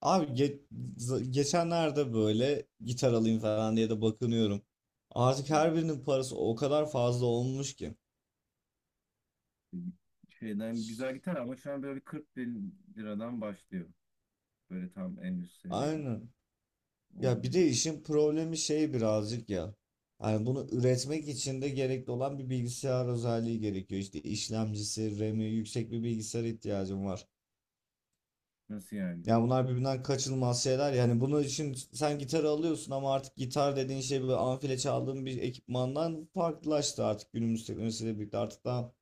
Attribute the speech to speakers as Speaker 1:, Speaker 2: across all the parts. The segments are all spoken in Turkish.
Speaker 1: Abi ge- Geçenlerde böyle gitar alayım falan diye de bakınıyorum. Artık her birinin parası o kadar fazla olmuş ki.
Speaker 2: Şeyden güzel gitar ama şu an böyle bir 40 bin liradan başlıyor. Böyle tam en üst seviye
Speaker 1: Aynen. Ya bir
Speaker 2: olduğundan.
Speaker 1: de işin problemi şey birazcık ya. Yani bunu üretmek için de gerekli olan bir bilgisayar özelliği gerekiyor. İşte işlemcisi, RAM'i, yüksek bir bilgisayar ihtiyacım var.
Speaker 2: Nasıl yani?
Speaker 1: Ya bunlar birbirinden kaçınılmaz şeyler. Yani bunun için sen gitar alıyorsun ama artık gitar dediğin şey böyle amfile çaldığın bir ekipmandan farklılaştı artık günümüz teknolojisiyle birlikte. Artık daha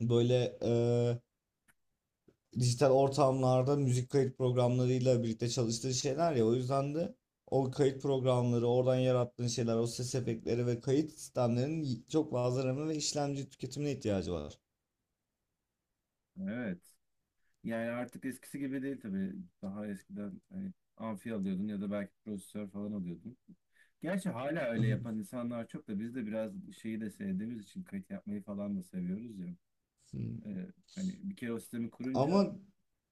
Speaker 1: böyle dijital ortamlarda müzik kayıt programlarıyla birlikte çalıştığı şeyler ya, o yüzden de o kayıt programları oradan yarattığın şeyler, o ses efektleri ve kayıt sistemlerinin çok fazla RAM ve işlemci tüketimine ihtiyacı var.
Speaker 2: Evet. Yani artık eskisi gibi değil tabii. Daha eskiden hani amfi alıyordun ya da belki prosesör falan alıyordun. Gerçi hala öyle yapan insanlar çok da biz de biraz şeyi de sevdiğimiz için kayıt yapmayı falan da seviyoruz ya.
Speaker 1: Hmm.
Speaker 2: Hani bir kere o sistemi kurunca
Speaker 1: Ama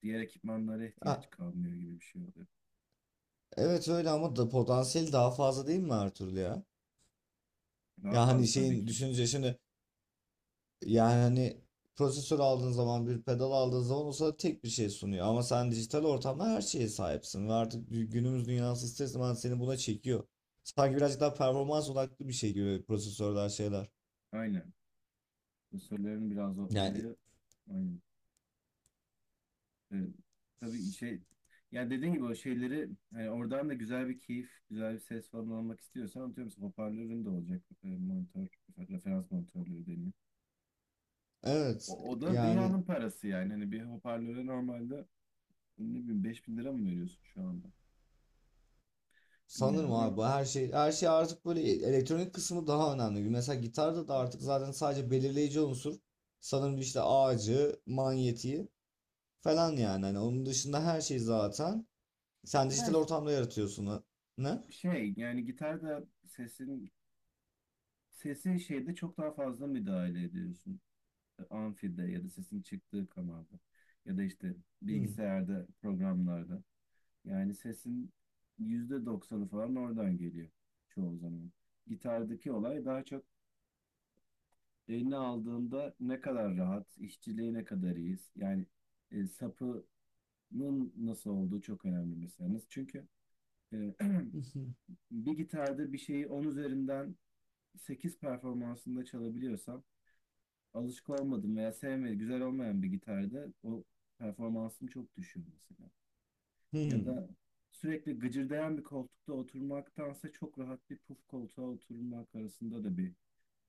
Speaker 2: diğer ekipmanlara
Speaker 1: ha,
Speaker 2: ihtiyaç kalmıyor gibi bir şey oluyor.
Speaker 1: evet öyle ama da potansiyeli daha fazla değil mi Ertuğrul ya?
Speaker 2: Daha
Speaker 1: Ya hani
Speaker 2: fazla tabii
Speaker 1: şeyin
Speaker 2: ki.
Speaker 1: düşününce şimdi. Yani hani prosesör aldığın zaman, bir pedal aldığın zaman o sana tek bir şey sunuyor. Ama sen dijital ortamda her şeye sahipsin ve artık günümüz dünyası ister istemez seni buna çekiyor. Sanki birazcık daha performans odaklı bir şey gibi prosesörler şeyler.
Speaker 2: Aynen. Söylerim biraz o
Speaker 1: Yani
Speaker 2: olayı. Aynen. Ee, tabii şey yani dediğin gibi o şeyleri yani oradan da güzel bir keyif, güzel bir ses falan almak istiyorsan atıyorum mesela hoparlörün de olacak. Monitör, referans monitörleri deniyor.
Speaker 1: evet
Speaker 2: O da
Speaker 1: yani
Speaker 2: dünyanın parası yani. Hani bir hoparlöre normalde ne bileyim 5.000 lira mı veriyorsun şu anda?
Speaker 1: sanırım
Speaker 2: Bilmiyorum
Speaker 1: abi
Speaker 2: ama.
Speaker 1: bu her şey her şey, artık böyle elektronik kısmı daha önemli gibi. Mesela gitarda da artık zaten sadece belirleyici unsur sanırım işte ağacı, manyetiği falan yani. Hani onun dışında her şey zaten sen dijital
Speaker 2: Yani
Speaker 1: ortamda yaratıyorsun. Ne?
Speaker 2: şey yani gitarda sesin sesi şeyde çok daha fazla müdahale ediyorsun. Amfide ya da sesin çıktığı kanalda ya da işte
Speaker 1: Hmm.
Speaker 2: bilgisayarda programlarda yani sesin %90'ı falan oradan geliyor çoğu zaman. Gitardaki olay daha çok eline aldığında ne kadar rahat, işçiliği ne kadar iyiyiz. Yani sapının nasıl olduğu çok önemli mesela. Nasıl? Çünkü e, bir gitarda bir şeyi 10 üzerinden 8 performansında çalabiliyorsam alışık olmadım veya sevmediğim, güzel olmayan bir gitarda o performansım çok düşüyor mesela. Ya
Speaker 1: Hmm.
Speaker 2: da sürekli gıcırdayan bir koltukta oturmaktansa çok rahat bir puf koltuğa oturmak arasında da bir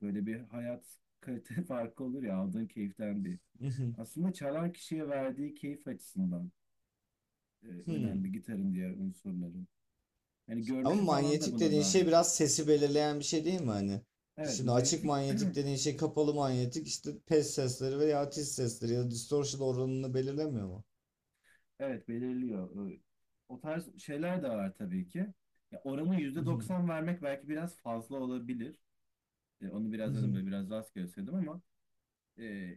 Speaker 2: böyle bir hayat kalite farkı olur ya aldığın keyiften bir.
Speaker 1: Hmm.
Speaker 2: Aslında çalan kişiye verdiği keyif açısından önemli
Speaker 1: Hmm.
Speaker 2: gitarın diğer unsurları. Hani
Speaker 1: Ama
Speaker 2: görünüşü falan da
Speaker 1: manyetik
Speaker 2: buna
Speaker 1: dediğin şey
Speaker 2: dahil.
Speaker 1: biraz sesi belirleyen bir şey değil mi hani?
Speaker 2: Evet,
Speaker 1: Şimdi açık
Speaker 2: manyetik.
Speaker 1: manyetik dediğin şey, kapalı manyetik, işte pes sesleri veya tiz sesleri ya da distortion oranını belirlemiyor mu?
Speaker 2: Evet, belirliyor. O tarz şeyler de var tabii ki. Ya oranı yüzde
Speaker 1: Mhm,
Speaker 2: doksan vermek belki biraz fazla olabilir. Onu biraz dedim
Speaker 1: mhm.
Speaker 2: böyle biraz rastgele söyledim ama e,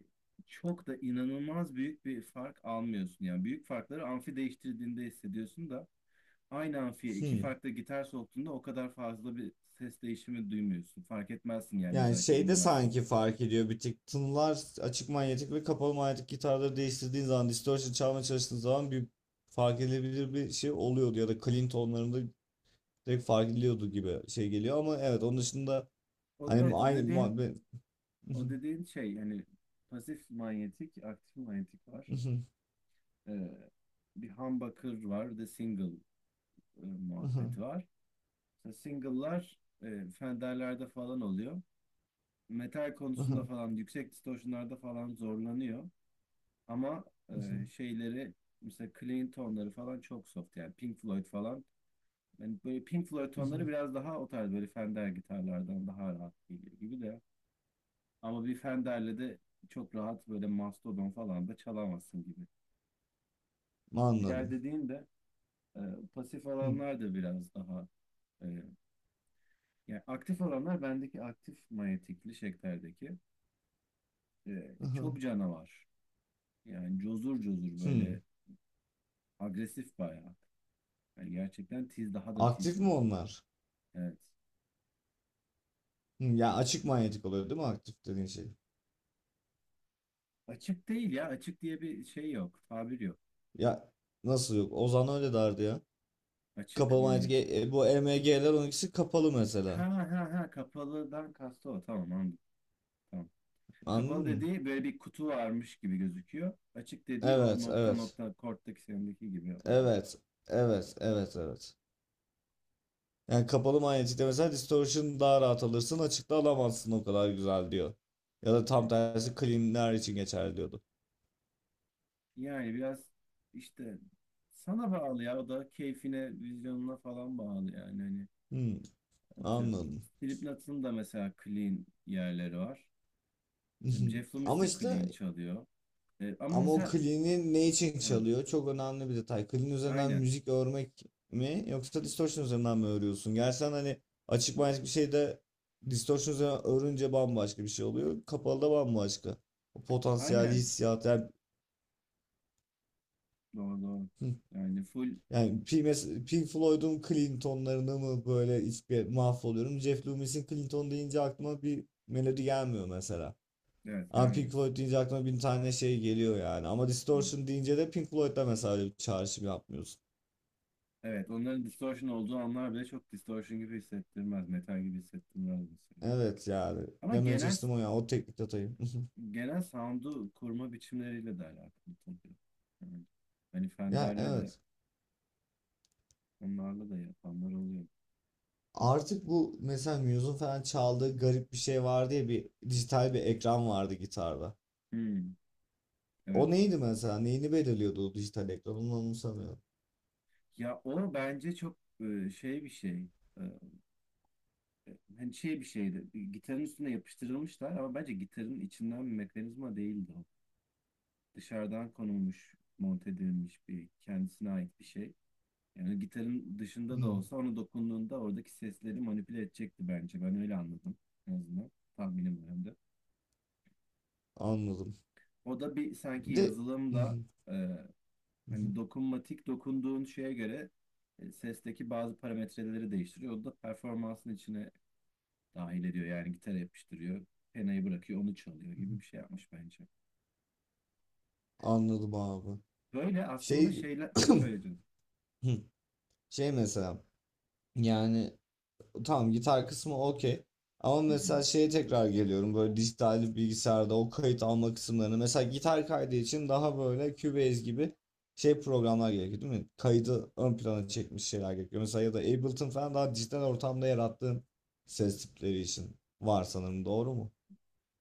Speaker 2: çok da inanılmaz büyük bir fark almıyorsun. Yani büyük farkları amfi değiştirdiğinde hissediyorsun da aynı amfiye iki
Speaker 1: Hmm.
Speaker 2: farklı gitar soktuğunda o kadar fazla bir ses değişimi duymuyorsun. Fark etmezsin yani
Speaker 1: Yani
Speaker 2: özellikle
Speaker 1: şeyde
Speaker 2: dinlemezsen.
Speaker 1: sanki fark ediyor bir tık tınılar, açık manyetik ve kapalı manyetik gitarları değiştirdiğin zaman, distortion çalmaya çalıştığın zaman bir fark edilebilir bir şey oluyordu ya da clean tonlarında direkt fark ediliyordu gibi şey geliyor, ama evet onun dışında
Speaker 2: O,
Speaker 1: hani
Speaker 2: evet, o
Speaker 1: aynı
Speaker 2: dediğin
Speaker 1: muhabbet.
Speaker 2: o dediğin şey hani pasif manyetik, aktif manyetik var. Ee, bir humbucker var, de single muhabbeti var. Mesela single'lar Fender'lerde falan oluyor. Metal konusunda falan, yüksek distortion'larda falan zorlanıyor. Ama şeyleri, mesela clean tonları falan çok soft. Yani Pink Floyd falan. Yani böyle Pink Floyd tonları biraz daha o tarz böyle Fender gitarlardan daha rahat geliyor gibi de. Ama bir Fender'le de çok rahat böyle Mastodon falan da çalamazsın gibi. Diğer
Speaker 1: Anladım.
Speaker 2: dediğin de E, pasif
Speaker 1: Hmm.
Speaker 2: alanlar da biraz daha e, yani aktif alanlar bendeki aktif manyetikli şeklerdeki
Speaker 1: Aha,
Speaker 2: çok canavar. Yani cozur cozur
Speaker 1: hmm.
Speaker 2: böyle agresif bayağı. Yani gerçekten tiz daha da
Speaker 1: Aktif
Speaker 2: tiz
Speaker 1: mi
Speaker 2: böyle.
Speaker 1: onlar?
Speaker 2: Evet.
Speaker 1: Hmm. Ya açık manyetik oluyor değil mi aktif dediğin şey?
Speaker 2: Açık değil ya. Açık diye bir şey yok. Tabir yok.
Speaker 1: Ya nasıl yok? Ozan öyle derdi ya.
Speaker 2: Açık
Speaker 1: Kapalı manyetik,
Speaker 2: manyetik.
Speaker 1: bu EMG'ler ikisi kapalı
Speaker 2: Ha
Speaker 1: mesela.
Speaker 2: ha ha, kapalıdan kastı o. Tamam, anladım. Tamam. Kapalı
Speaker 1: Anladın mı?
Speaker 2: dediği böyle bir kutu varmış gibi gözüküyor. Açık dediği o
Speaker 1: Evet,
Speaker 2: nokta
Speaker 1: evet.
Speaker 2: nokta korttaki sendeki gibi olan.
Speaker 1: Evet, evet, evet, evet. Yani kapalı manyetikte mesela distortion daha rahat alırsın. Açıkta alamazsın o kadar güzel diyor. Ya da tam tersi cleanler için geçerli diyordu.
Speaker 2: Yani biraz işte sana bağlı ya o da keyfine, vizyonuna falan bağlı yani hani
Speaker 1: Hmm,
Speaker 2: atıyorum.
Speaker 1: anladım.
Speaker 2: Slipknot'un da mesela clean yerleri var. Şimdi Jeff Loomis
Speaker 1: Ama
Speaker 2: de clean
Speaker 1: işte
Speaker 2: çalıyor. Ama
Speaker 1: ama o
Speaker 2: mesela
Speaker 1: clean'i ne için
Speaker 2: ha,
Speaker 1: çalıyor? Çok önemli bir detay. Clean üzerinden
Speaker 2: aynen.
Speaker 1: müzik örmek mi yoksa distortion üzerinden mi örüyorsun? Gerçi hani açık manyetik bir şeyde distortion üzerinden örünce bambaşka bir şey oluyor. Kapalı da bambaşka. O potansiyel
Speaker 2: Aynen.
Speaker 1: hissiyat yani,
Speaker 2: Doğru doğru.
Speaker 1: hmm.
Speaker 2: Yani full
Speaker 1: Yani Pink Floyd'un Clinton'larını mı böyle mahvoluyorum. Jeff Loomis'in Clinton deyince aklıma bir melodi gelmiyor mesela.
Speaker 2: evet
Speaker 1: Ama
Speaker 2: gelmez.
Speaker 1: Pink Floyd deyince aklıma bin tane şey geliyor yani. Ama
Speaker 2: Hı.
Speaker 1: Distortion deyince de Pink Floyd'da mesela öyle bir çağrışım yapmıyorsun.
Speaker 2: Evet, onların distortion olduğu anlar bile çok distortion gibi hissettirmez. Metal gibi hissettirmez mesela.
Speaker 1: Evet yani
Speaker 2: Ama
Speaker 1: demeye
Speaker 2: genel
Speaker 1: çalıştım o ya o teknik detayı.
Speaker 2: genel sound'u kurma biçimleriyle de alakalı tabii. Yani, hani
Speaker 1: Ya
Speaker 2: Fender'le de
Speaker 1: evet.
Speaker 2: onlarla da yapanlar oluyor.
Speaker 1: Artık bu mesela Muse'un falan çaldığı garip bir şey vardı ya, bir dijital bir ekran vardı gitarda.
Speaker 2: Hmm, evet.
Speaker 1: O neydi mesela? Neyini belirliyordu o dijital ekran? Onu anımsamıyorum.
Speaker 2: Ya o bence çok şey bir şey. E, Hani şey bir şeydi. Gitarın üstüne yapıştırılmışlar ama bence gitarın içinden bir mekanizma değildi o. Dışarıdan konulmuş, monte edilmiş bir kendisine ait bir şey. Yani gitarın dışında da
Speaker 1: Hmm,
Speaker 2: olsa onu dokunduğunda oradaki sesleri manipüle edecekti bence. Ben öyle anladım en azından. Tahminim
Speaker 1: anladım.
Speaker 2: o da bir sanki
Speaker 1: Bir de
Speaker 2: yazılımla e, hani dokunmatik dokunduğun şeye göre sesteki bazı parametreleri değiştiriyor. O da performansın içine dahil ediyor. Yani gitar yapıştırıyor, penayı bırakıyor, onu çalıyor gibi bir şey yapmış bence.
Speaker 1: anladım abi.
Speaker 2: Böyle aslında
Speaker 1: Şey
Speaker 2: şeyler söyleyeceğim.
Speaker 1: şey mesela yani tamam gitar kısmı okey. Ama
Speaker 2: Hı hı.
Speaker 1: mesela şeye tekrar geliyorum, böyle dijital bilgisayarda o kayıt alma kısımlarını. Mesela gitar kaydı için daha böyle Cubase gibi şey programlar gerekiyor değil mi? Kaydı ön plana çekmiş şeyler gerekiyor. Mesela ya da Ableton falan daha dijital ortamda yarattığın ses tipleri için var sanırım, doğru mu?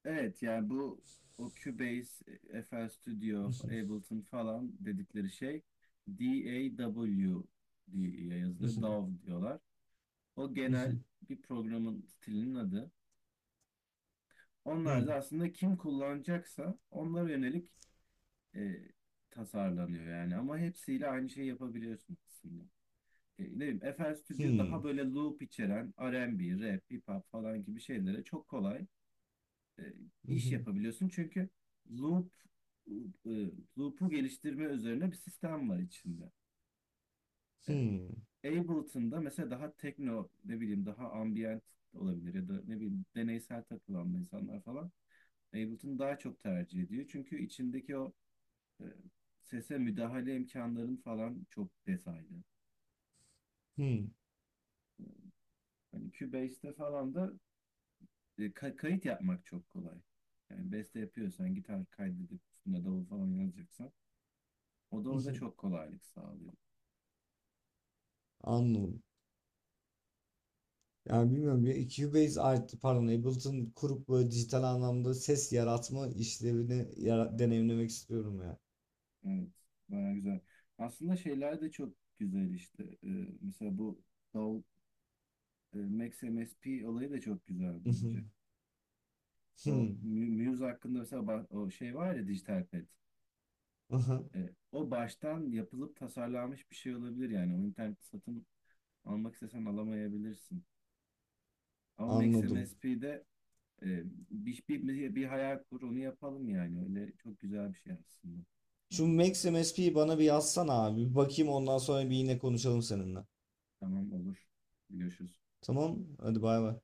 Speaker 2: Evet yani bu o Cubase, FL Studio, Ableton falan dedikleri şey DAW diye yazılıyor. DAW diyorlar. O genel bir programın stilinin adı. Onlar da aslında kim kullanacaksa onlara yönelik e, tasarlanıyor yani. Ama hepsiyle aynı şeyi yapabiliyorsun aslında. Ne bileyim, FL Studio daha böyle loop içeren R&B, rap, hip hop falan gibi şeylere çok kolay e, iş yapabiliyorsun. Çünkü loop e, loop'u geliştirme üzerine bir sistem var içinde. E, Ableton'da mesela daha tekno, ne bileyim daha ambient olabilir ya da ne bileyim deneysel takılan insanlar falan Ableton daha çok tercih ediyor. Çünkü içindeki o e, sese müdahale imkanların falan çok detaylı.
Speaker 1: Hımm.
Speaker 2: Hani Cubase'de falan da kayıt yapmak çok kolay. Yani beste yapıyorsan gitar kaydedip üstüne davul falan yazacaksan o da orada çok kolaylık sağlıyor.
Speaker 1: Anladım. Yani, bilmiyorum ya, Cubase artı pardon, Ableton kurup, böyle, dijital anlamda ses yaratma işlevini deneyimlemek istiyorum ya.
Speaker 2: Evet, baya güzel. Aslında şeyler de çok güzel işte. Mesela bu Davul, Max MSP olayı da çok güzel
Speaker 1: I hı.
Speaker 2: bence. O Muse hakkında mesela o şey var ya Digital Pet. O baştan yapılıp tasarlanmış bir şey olabilir yani. O internet satın almak istesen alamayabilirsin. Ama Max
Speaker 1: Anladım.
Speaker 2: MSP'de e, bir hayal kur onu yapalım yani. Öyle çok güzel bir şey aslında.
Speaker 1: Şu
Speaker 2: Tamam,
Speaker 1: Max MSP'yi bana bir yazsana abi. Bir bakayım ondan sonra bir yine konuşalım seninle.
Speaker 2: tamam olur. Görüşürüz.
Speaker 1: Tamam. Hadi bay bay.